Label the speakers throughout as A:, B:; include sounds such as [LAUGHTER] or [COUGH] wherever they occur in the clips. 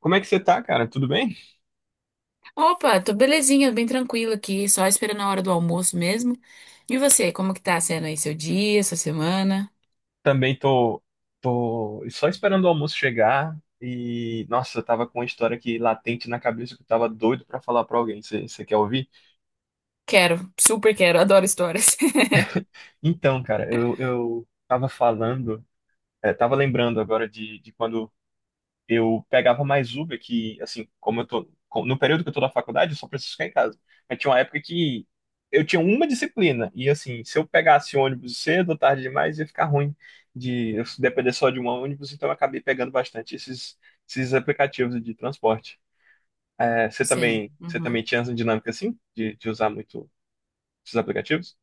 A: Como é que você tá, cara? Tudo bem?
B: Opa, tô belezinha, bem tranquila aqui, só esperando a hora do almoço mesmo. E você, como que tá sendo aí seu dia, sua semana?
A: Também tô, tô só esperando o almoço chegar e, nossa, eu tava com uma história aqui latente na cabeça que eu tava doido pra falar pra alguém. Você quer ouvir?
B: Quero, super quero, adoro histórias. [LAUGHS]
A: Então, cara, eu tava falando, tava lembrando agora de quando eu pegava mais Uber que, assim, como eu tô, no período que eu tô na faculdade, eu só preciso ficar em casa. Mas tinha uma época que eu tinha uma disciplina, e assim, se eu pegasse ônibus cedo ou tarde demais, ia ficar ruim de eu depender só de um ônibus, então eu acabei pegando bastante esses aplicativos de transporte. É,
B: Sim.
A: você
B: Uhum.
A: também tinha essa dinâmica assim, de usar muito esses aplicativos?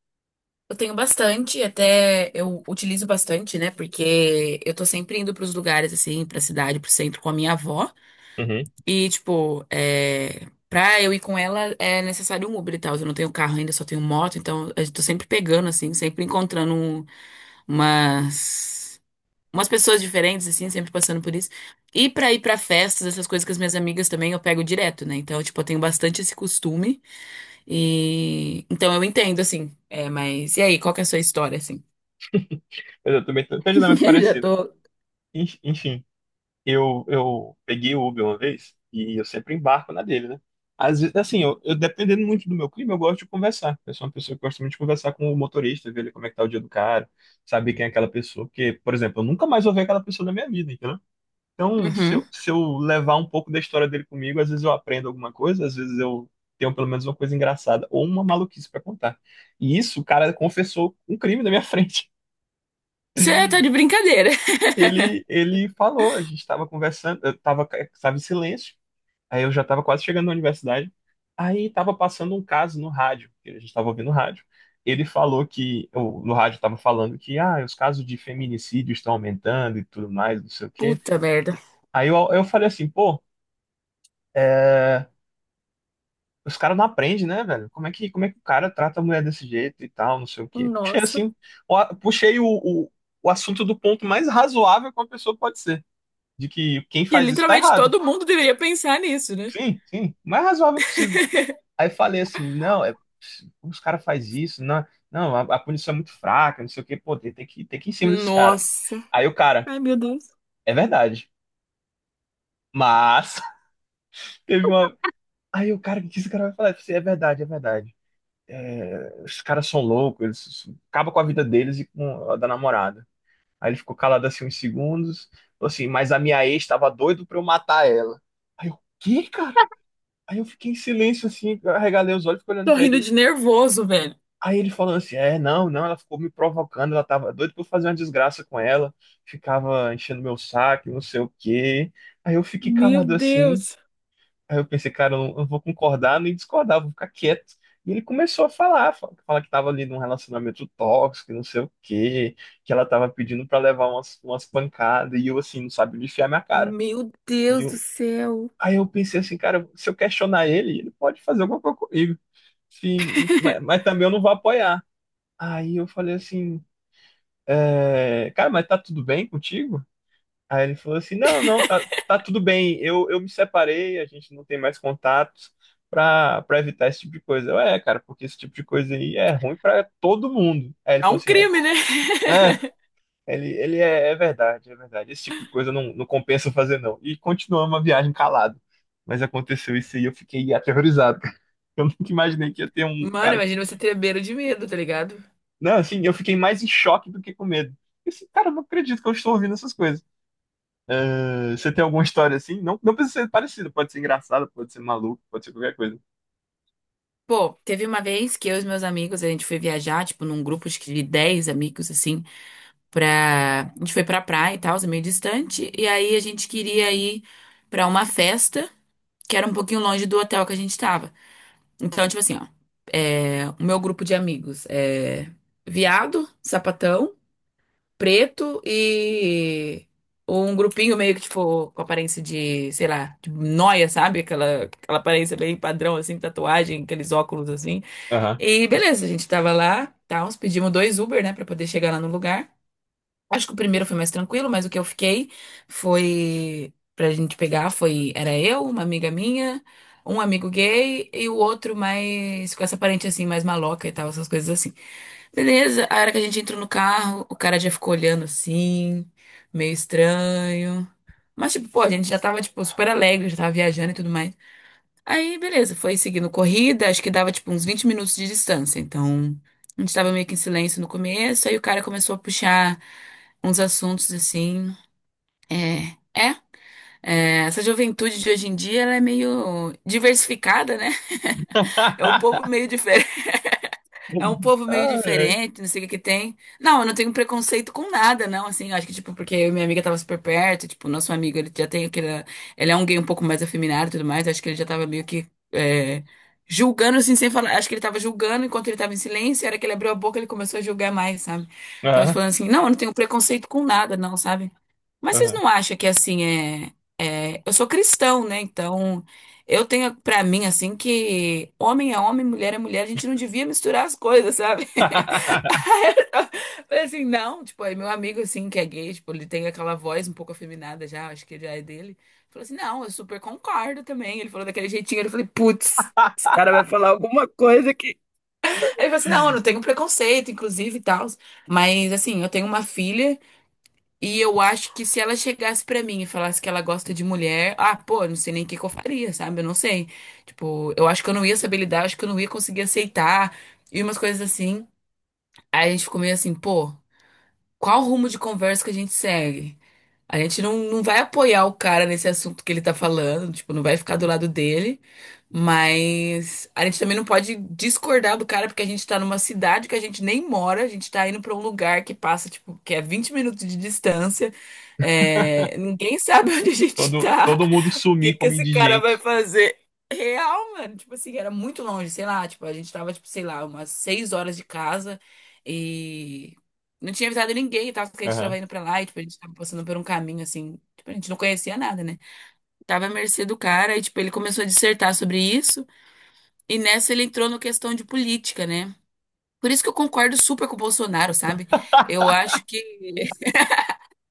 B: Eu tenho bastante, até eu utilizo bastante, né? Porque eu tô sempre indo pros lugares, assim, pra cidade, pro centro com a minha avó.
A: Uhum.
B: E, tipo, pra eu ir com ela é necessário um Uber e tal. Eu não tenho carro ainda, só tenho moto, então eu tô sempre pegando, assim, sempre encontrando umas. umas pessoas diferentes, assim, sempre passando por isso. E pra ir pra festas, essas coisas com as minhas amigas também eu pego direto, né? Então, tipo, eu tenho bastante esse costume. E. Então eu entendo, assim. É, mas. E aí, qual que é a sua história, assim?
A: Mas eu também tenho uma
B: [LAUGHS]
A: dinâmica
B: Eu já
A: parecida.
B: tô.
A: Enfim. Eu peguei o Uber uma vez e eu sempre embarco na dele, né? Às vezes, assim, eu dependendo muito do meu clima, eu gosto de conversar. Eu sou uma pessoa que gosta muito de conversar com o motorista, ver ele como é que tá o dia do cara, saber quem é aquela pessoa. Porque, por exemplo, eu nunca mais vou ver aquela pessoa na minha vida, entendeu? Então,
B: Uhum.
A: se eu levar um pouco da história dele comigo, às vezes eu aprendo alguma coisa, às vezes eu tenho pelo menos uma coisa engraçada ou uma maluquice pra contar. E isso, o cara confessou um crime na minha [LAUGHS] frente.
B: Você tá de brincadeira. [LAUGHS]
A: Ele falou, a gente estava conversando, estava em silêncio. Aí eu já estava quase chegando na universidade. Aí estava passando um caso no rádio, que a gente estava ouvindo rádio. Ele falou que, no rádio estava falando que ah, os casos de feminicídio estão aumentando e tudo mais, não sei o quê.
B: Puta merda.
A: Aí eu falei assim, pô, é, os caras não aprendem, né, velho? Como é que o cara trata a mulher desse jeito e tal, não sei o quê. Puxei
B: Nossa.
A: assim, puxei o assunto do ponto mais razoável que uma pessoa pode ser, de que quem
B: Que
A: faz isso tá
B: literalmente
A: errado.
B: todo mundo deveria pensar nisso, né?
A: Sim, sim, o mais razoável possível. Aí falei assim, não, como os caras fazem isso? Não, não, a punição é muito fraca, não sei o quê, pô, tem que ir em cima desses caras.
B: Nossa.
A: Aí o cara,
B: Ai, meu Deus.
A: é verdade. Mas [LAUGHS] teve uma. Aí o cara, o que esse cara vai falar? Eu falei, assim, é verdade, é verdade. Os caras são loucos, eles acabam com a vida deles e com a da namorada. Aí ele ficou calado assim uns segundos, falou assim, mas a minha ex tava doido pra eu matar ela. Aí eu, quê, cara? Aí eu fiquei em silêncio assim, eu arregalei os olhos, e fiquei olhando
B: Tô
A: pra
B: rindo
A: ele.
B: de nervoso, velho.
A: Aí ele falando assim, não, não, ela ficou me provocando, ela tava doida pra eu fazer uma desgraça com ela, ficava enchendo meu saco, não sei o quê. Aí eu fiquei
B: Meu
A: calado assim,
B: Deus.
A: aí eu pensei, cara, eu não vou concordar nem discordar, vou ficar quieto. E ele começou a falar, falar que tava ali num relacionamento tóxico, não sei o quê, que ela tava pedindo pra levar umas pancadas, e eu assim, não sabia onde enfiar minha cara.
B: Meu
A: E
B: Deus do
A: eu,
B: céu.
A: aí eu pensei assim, cara, se eu questionar ele, ele pode fazer alguma coisa comigo. Mas também eu não vou apoiar. Aí eu falei assim, cara, mas tá tudo bem contigo? Aí ele falou assim, não, não, tá tudo bem, eu me separei, a gente não tem mais contatos pra evitar esse tipo de coisa. Eu, é, cara, porque esse tipo de coisa aí é ruim pra todo mundo. Aí ele
B: É
A: falou
B: um
A: assim, é,
B: crime, né?
A: é,
B: [LAUGHS]
A: é verdade, esse tipo de coisa não, não compensa fazer não. E continuamos a viagem calado. Mas aconteceu isso aí, eu fiquei aterrorizado. [LAUGHS] cara. Eu nunca imaginei que ia ter um
B: Mano,
A: cara.
B: imagina você tremer de medo, tá ligado?
A: Não, assim, eu fiquei mais em choque do que com medo. Eu, assim, cara, eu não acredito que eu estou ouvindo essas coisas. Ah, você tem alguma história assim? Não, não precisa ser parecida, pode ser engraçada, pode ser maluco, pode ser qualquer coisa.
B: Pô, teve uma vez que eu e os meus amigos, a gente foi viajar, tipo, num grupo acho que de 10 amigos, assim, A gente foi pra praia e tal, é meio distante, e aí a gente queria ir pra uma festa, que era um pouquinho longe do hotel que a gente tava. Então, tipo assim, ó, o meu grupo de amigos é viado, sapatão, preto e um grupinho meio que, tipo, com aparência de, sei lá, de nóia, sabe? Aquela aparência bem padrão, assim, tatuagem, aqueles óculos, assim.
A: Aham.
B: E beleza, a gente tava lá, tá uns pedimos dois Uber, né, pra poder chegar lá no lugar. Acho que o primeiro foi mais tranquilo, mas o que eu fiquei foi pra gente pegar foi, era eu, uma amiga minha, um amigo gay e o outro mais, com essa aparência, assim, mais maloca e tal, essas coisas assim. Beleza, a hora que a gente entrou no carro, o cara já ficou olhando assim, meio estranho. Mas, tipo, pô, a gente já tava, tipo, super alegre, já tava viajando e tudo mais. Aí, beleza, foi seguindo corrida, acho que dava, tipo, uns 20 minutos de distância. Então, a gente tava meio que em silêncio no começo, aí o cara começou a puxar uns assuntos assim. É, é. Essa juventude de hoje em dia, ela é meio diversificada, né? É um povo
A: [LAUGHS]
B: meio diferente. É um povo meio
A: Ai, ai.
B: diferente, não sei o que que tem. Não, eu não tenho preconceito com nada, não, assim, acho que, tipo, porque eu e minha amiga tava super perto, tipo, nosso amigo, ele já tem aquele... Ele é um gay um pouco mais afeminado e tudo mais, acho que ele já tava meio que é, julgando, assim, sem falar. Acho que ele tava julgando enquanto ele tava em silêncio, e a hora que ele abriu a boca, ele começou a julgar mais, sabe? Tava
A: Aham,
B: falando assim, não, eu não tenho preconceito com nada, não, sabe? Mas vocês
A: aham.
B: não acham que, assim, é... Eu sou cristão, né, então... Eu tenho pra mim assim que homem é homem, mulher é mulher, a gente não devia misturar as coisas, sabe? [LAUGHS]
A: [LAUGHS]
B: Aí eu falei assim, não, tipo, aí meu amigo assim que é gay, tipo, ele tem aquela voz um pouco afeminada já, acho que já é dele. Falou assim: "Não, eu super concordo também". Ele falou daquele jeitinho, eu falei: "Putz". Aí ele falou assim: "Não, eu não tenho preconceito, inclusive e tal, mas assim, eu tenho uma filha e eu acho que se ela chegasse pra mim e falasse que ela gosta de mulher, ah, pô, não sei nem o que que eu faria, sabe? Eu não sei. Tipo, eu acho que eu não ia saber lidar, acho que eu não ia conseguir aceitar e umas coisas assim. Aí a gente ficou meio assim, pô, qual o rumo de conversa que a gente segue? A gente não vai apoiar o cara nesse assunto que ele tá falando, tipo, não vai ficar do lado dele, mas a gente também não pode discordar do cara porque a gente tá numa cidade que a gente nem mora, a gente tá indo pra um lugar que passa, tipo, que é 20 minutos de distância, ninguém sabe [LAUGHS] onde a gente tá
A: Todo mundo sumir
B: que
A: como
B: esse cara vai
A: indigente.
B: fazer? Real, mano. Tipo assim, era muito longe, sei lá. Tipo, a gente tava, tipo, sei lá, umas 6 horas de casa e não tinha avisado ninguém, tava que a gente tava
A: Aham.
B: indo pra lá e, tipo, a gente tava passando por um caminho, assim. Tipo, a gente não conhecia nada, né? Tava à mercê do cara e, tipo, ele começou a dissertar sobre isso e nessa ele entrou na questão de política, né? Por isso que eu concordo super com o Bolsonaro, sabe? Eu acho que.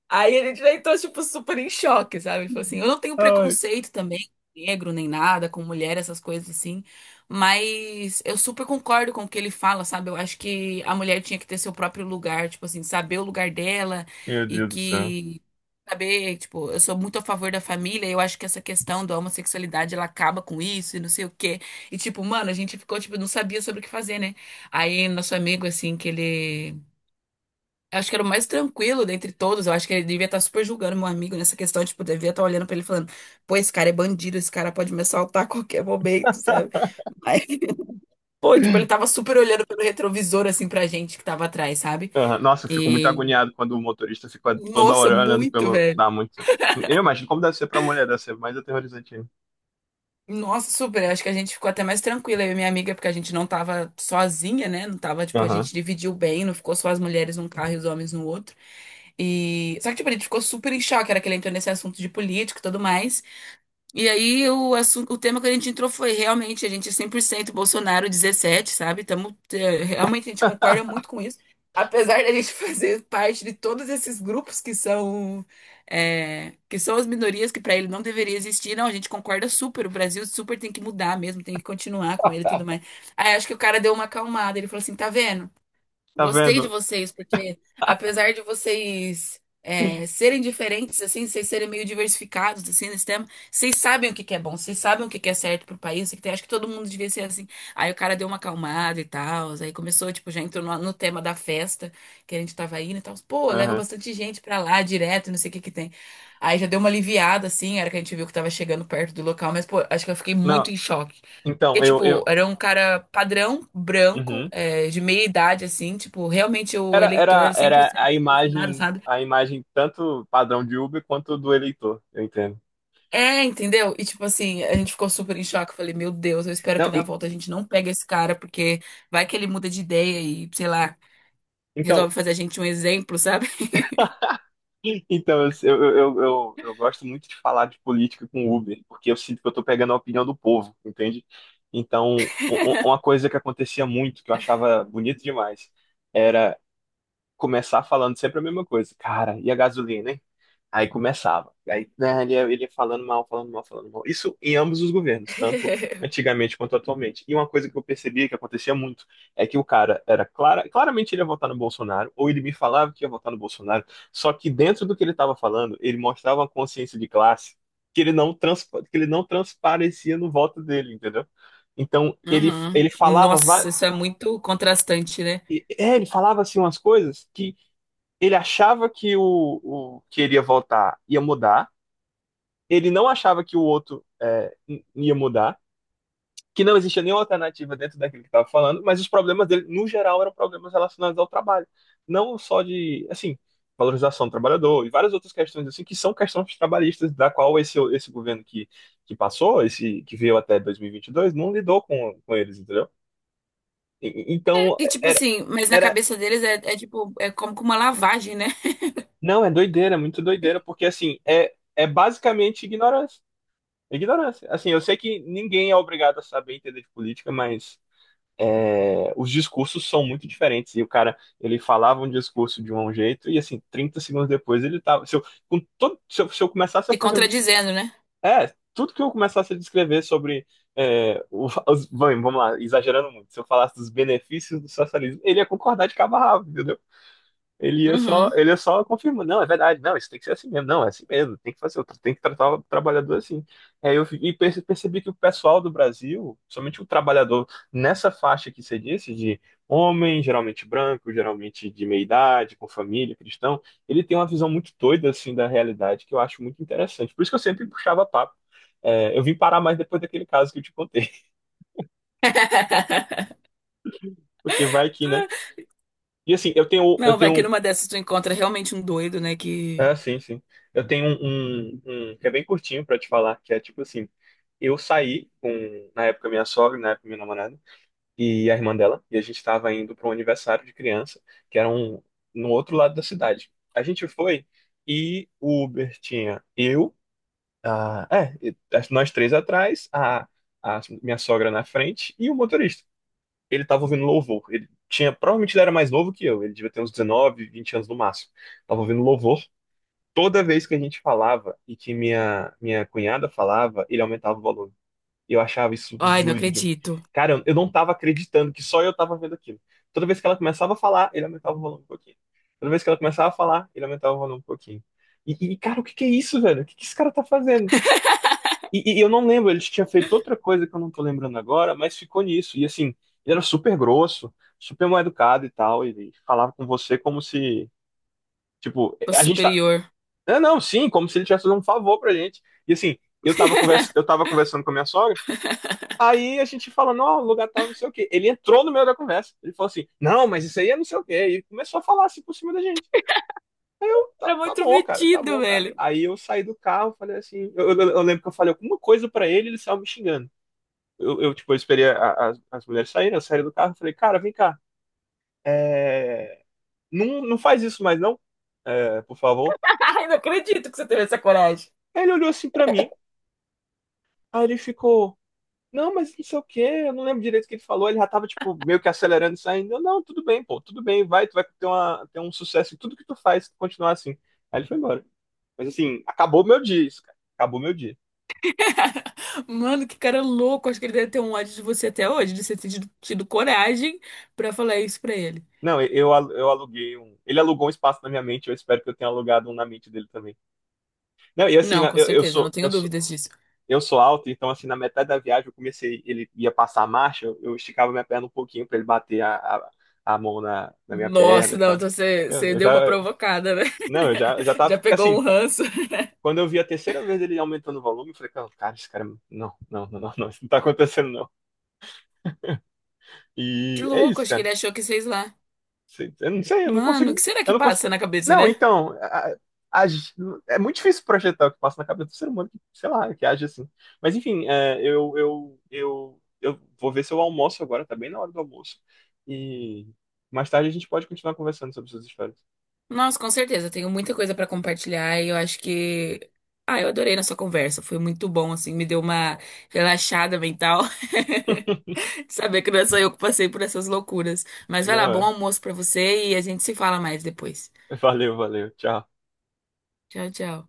B: Aí ele já entrou, tipo, super em choque, sabe? Tipo assim, eu não tenho
A: Ai,
B: preconceito também, negro nem nada, com mulher, essas coisas assim. Mas eu super concordo com o que ele fala, sabe? Eu acho que a mulher tinha que ter seu próprio lugar, tipo assim, saber o lugar dela
A: meu
B: e
A: Deus do céu.
B: que. Saber, tipo, eu sou muito a favor da família, eu acho que essa questão da homossexualidade ela acaba com isso e não sei o quê. E, tipo, mano, a gente ficou, tipo, não sabia sobre o que fazer, né? Aí, nosso amigo, assim, que ele, eu acho que era o mais tranquilo dentre todos. Eu acho que ele devia estar super julgando meu amigo nessa questão. Tipo, devia estar olhando pra ele e falando: pô, esse cara é bandido, esse cara pode me assaltar a qualquer momento, sabe? Mas, [LAUGHS] pô, tipo, ele tava super olhando pelo retrovisor, assim, pra gente que tava atrás, sabe?
A: Aham. Nossa, eu fico muito
B: E,
A: agoniado quando o motorista fica toda
B: nossa,
A: hora olhando
B: muito,
A: pelo.
B: velho.
A: Dá muito. Eu imagino como deve ser pra mulher, deve ser mais aterrorizante ainda.
B: Nossa, super. Eu acho que a gente ficou até mais tranquila, eu e minha amiga, porque a gente não tava sozinha, né? Não tava, tipo, a
A: Aham.
B: gente dividiu bem, não ficou só as mulheres num carro e os homens no outro. E, só que, tipo, a gente ficou super em choque, era que ele entrou nesse assunto de política e tudo mais. E aí o assunto, o tema que a gente entrou foi realmente a gente é 100% Bolsonaro 17, sabe? Tamo, realmente a gente concorda muito com isso. Apesar da gente [LAUGHS] fazer parte de todos esses grupos que que são as minorias que para ele não deveria existir, não, a gente concorda super, o Brasil super tem que mudar mesmo, tem que continuar com ele e tudo mais. Aí acho que o cara deu uma acalmada, ele falou assim, tá vendo?
A: Tá
B: Gostei de
A: vendo?
B: vocês, porque apesar de vocês serem diferentes, assim, vocês serem meio diversificados, assim, nesse tema, vocês sabem o que que é bom, vocês sabem o que que é certo pro país, acho que todo mundo devia ser assim. Aí o cara deu uma acalmada e tal, aí começou, tipo, já entrou no tema da festa que a gente tava indo e tal. Pô, leva
A: Aham.
B: bastante gente pra lá, direto, não sei o que que tem. Aí já deu uma aliviada, assim, era que a gente viu que tava chegando perto do local, mas, pô, acho que eu fiquei muito
A: Não,
B: em choque. Porque,
A: Então,
B: tipo, era um cara padrão, branco,
A: uhum.
B: de meia idade, assim, tipo, realmente o eleitor
A: Era
B: 100% do Bolsonaro, sabe?
A: a imagem tanto padrão de Uber quanto do eleitor, eu entendo.
B: É, entendeu? E, tipo assim, a gente ficou super em choque. Eu falei, meu Deus, eu espero
A: Não,
B: que na
A: en-
B: volta a gente não pegue esse cara, porque vai que ele muda de ideia e, sei lá,
A: então,
B: resolve fazer a gente um exemplo, sabe?
A: então eu gosto muito de falar de política com Uber, porque eu sinto que eu tô pegando a opinião do povo, entende? Então, uma coisa que acontecia muito, que eu achava bonito demais, era começar falando sempre a mesma coisa. Cara, e a gasolina, hein? Aí começava. Aí, né, ele ia falando mal, falando mal, falando mal. Isso em ambos os governos, tanto
B: [LAUGHS]
A: antigamente quanto atualmente. E uma coisa que eu percebia que acontecia muito é que o cara era claramente ele ia votar no Bolsonaro, ou ele me falava que ia votar no Bolsonaro, só que dentro do que ele estava falando, ele mostrava uma consciência de classe que ele não, transpa- que ele não transparecia no voto dele, entendeu? Então,
B: Uhum.
A: ele falava,
B: Nossa, isso é muito contrastante, né?
A: ele falava assim umas coisas que ele achava que o que ele ia votar ia mudar. Ele não achava que o outro ia mudar, que não existia nenhuma alternativa dentro daquilo que estava falando, mas os problemas dele, no geral, eram problemas relacionados ao trabalho. Não só de, assim, valorização do trabalhador e várias outras questões, assim, que são questões trabalhistas, da qual esse governo que passou, esse que veio até 2022, não lidou com eles, entendeu? Então,
B: E, tipo
A: era,
B: assim, mas na
A: era.
B: cabeça deles é como com uma lavagem, né?
A: Não, é doideira, é muito doideira, porque, assim, é, é basicamente ignorância. Ignorância. Assim, eu sei que ninguém é obrigado a saber entender de política, mas é, os discursos são muito diferentes. E o cara, ele falava um discurso de um jeito, e assim, 30 segundos depois ele tava. Se eu, com todo, se eu começasse a
B: Se
A: fazer um dos.
B: contradizendo, né?
A: É, tudo que eu começasse a descrever sobre. É, vamos lá, exagerando muito. Se eu falasse dos benefícios do socialismo, ele ia concordar de cabo a rabo, entendeu?
B: Uhum.
A: Ele ia só confirmando, não, é verdade, não, isso tem que ser assim mesmo, não, é assim mesmo, tem que fazer, tem que tratar o trabalhador assim. Aí eu percebi que o pessoal do Brasil, somente o trabalhador nessa faixa que você disse, de homem, geralmente branco, geralmente de meia idade, com família, cristão, ele tem uma visão muito doida assim da realidade que eu acho muito interessante. Por isso que eu sempre puxava papo. É, eu vim parar mais depois daquele caso que eu te contei,
B: [LAUGHS]
A: [LAUGHS] porque vai que, né? E assim, eu
B: Não, vai que
A: tenho.
B: numa dessas tu encontra realmente um doido, né?
A: Ah,
B: Que.
A: sim, sim. Eu tenho um que é bem curtinho pra te falar, que é tipo assim, eu saí com, na época, minha sogra, na época, minha namorada, e a irmã dela, e a gente tava indo para um aniversário de criança, que era um, no outro lado da cidade. A gente foi e o Uber tinha eu, a, é, e- as- nós três atrás, a minha sogra na frente e o motorista. Ele tava ouvindo louvor. Ele tinha, provavelmente ele era mais novo que eu, ele devia ter uns 19, 20 anos no máximo. Tava ouvindo louvor toda vez que a gente falava e que minha cunhada falava, ele aumentava o volume. Eu achava isso
B: Ai, não
A: doido, de...
B: acredito.
A: Cara, eu não tava acreditando que só eu tava vendo aquilo. Toda vez que ela começava a falar, ele aumentava o volume um pouquinho. Toda vez que ela começava a falar, ele aumentava o volume um pouquinho. E, cara, o que que é isso, velho? O que que esse cara tá fazendo? E eu não lembro, ele tinha feito outra coisa que eu não tô lembrando agora, mas ficou nisso. E assim, ele era super grosso, super mal educado e tal, ele falava com você como se, tipo,
B: O
A: a gente tá,
B: superior.
A: não, sim, como se ele tivesse fazendo um favor pra gente. E assim, eu tava conversando com a minha sogra, aí a gente falando, ó, o lugar tava não sei o quê. Ele entrou no meio da conversa. Ele falou assim, não, mas isso aí é não sei o quê. E começou a falar assim por cima da gente. Aí eu, tá,
B: Era
A: tá
B: muito
A: bom, cara, tá
B: metido,
A: bom, cara.
B: velho.
A: Aí eu saí do carro, falei assim, eu lembro que eu falei alguma coisa pra ele, ele saiu me xingando. Tipo, eu esperei as mulheres saírem, eu saí do carro e falei, cara, vem cá, é, não, não faz isso mais não, por favor.
B: [LAUGHS] Ai, não acredito que você teve essa coragem.
A: Aí ele olhou assim pra mim, aí ele ficou... Não, mas não sei o quê, eu não lembro direito o que ele falou, ele já tava, tipo, meio que acelerando e saindo. Eu, não, tudo bem, pô, tudo bem, vai, tu vai ter, uma, ter um sucesso em tudo que tu faz, se tu continuar assim. Aí ele foi embora. Mas assim, acabou meu dia isso, cara. Acabou meu dia.
B: [LAUGHS] Mano, que cara louco. Acho que ele deve ter um ódio de você até hoje, de você ter tido coragem pra falar isso pra ele.
A: Não, eu aluguei um. Ele alugou um espaço na minha mente, eu espero que eu tenha alugado um na mente dele também. Não, e assim,
B: Não, com certeza, não
A: eu
B: tenho
A: sou
B: dúvidas disso.
A: eu sou alto, então assim, na metade da viagem eu comecei, ele ia passar a marcha, eu esticava minha perna um pouquinho pra ele bater a mão na minha perna
B: Nossa,
A: e
B: não,
A: tal.
B: então você, você
A: Eu já.
B: deu uma provocada, né?
A: Não, eu já
B: [LAUGHS]
A: tava.
B: Já
A: Porque
B: pegou
A: assim,
B: um ranço.
A: quando eu vi a terceira vez ele aumentando o volume, eu falei, cara, esse cara. Não, não, não, não, não, isso não tá acontecendo, não.
B: Que
A: E é
B: louco,
A: isso,
B: acho que
A: cara.
B: ele achou que vocês lá.
A: Eu não sei, eu não
B: Mano, o que
A: consigo.
B: será
A: Eu
B: que
A: não
B: passa
A: consigo.
B: na cabeça,
A: Não,
B: né?
A: então. A- é muito difícil projetar o que passa na cabeça do ser humano que, sei lá, que age assim. Mas enfim, é, eu vou ver se eu almoço agora, tá bem na hora do almoço. E mais tarde a gente pode continuar conversando sobre suas histórias.
B: Nossa, com certeza, eu tenho muita coisa pra compartilhar e eu acho que. Ah, eu adorei nossa conversa, foi muito bom, assim, me deu uma relaxada mental [LAUGHS] de saber que não é só eu que passei por essas loucuras. Mas vai lá,
A: Não,
B: bom
A: é.
B: almoço pra você e a gente se fala mais depois.
A: Valeu, valeu. Tchau.
B: Tchau, tchau.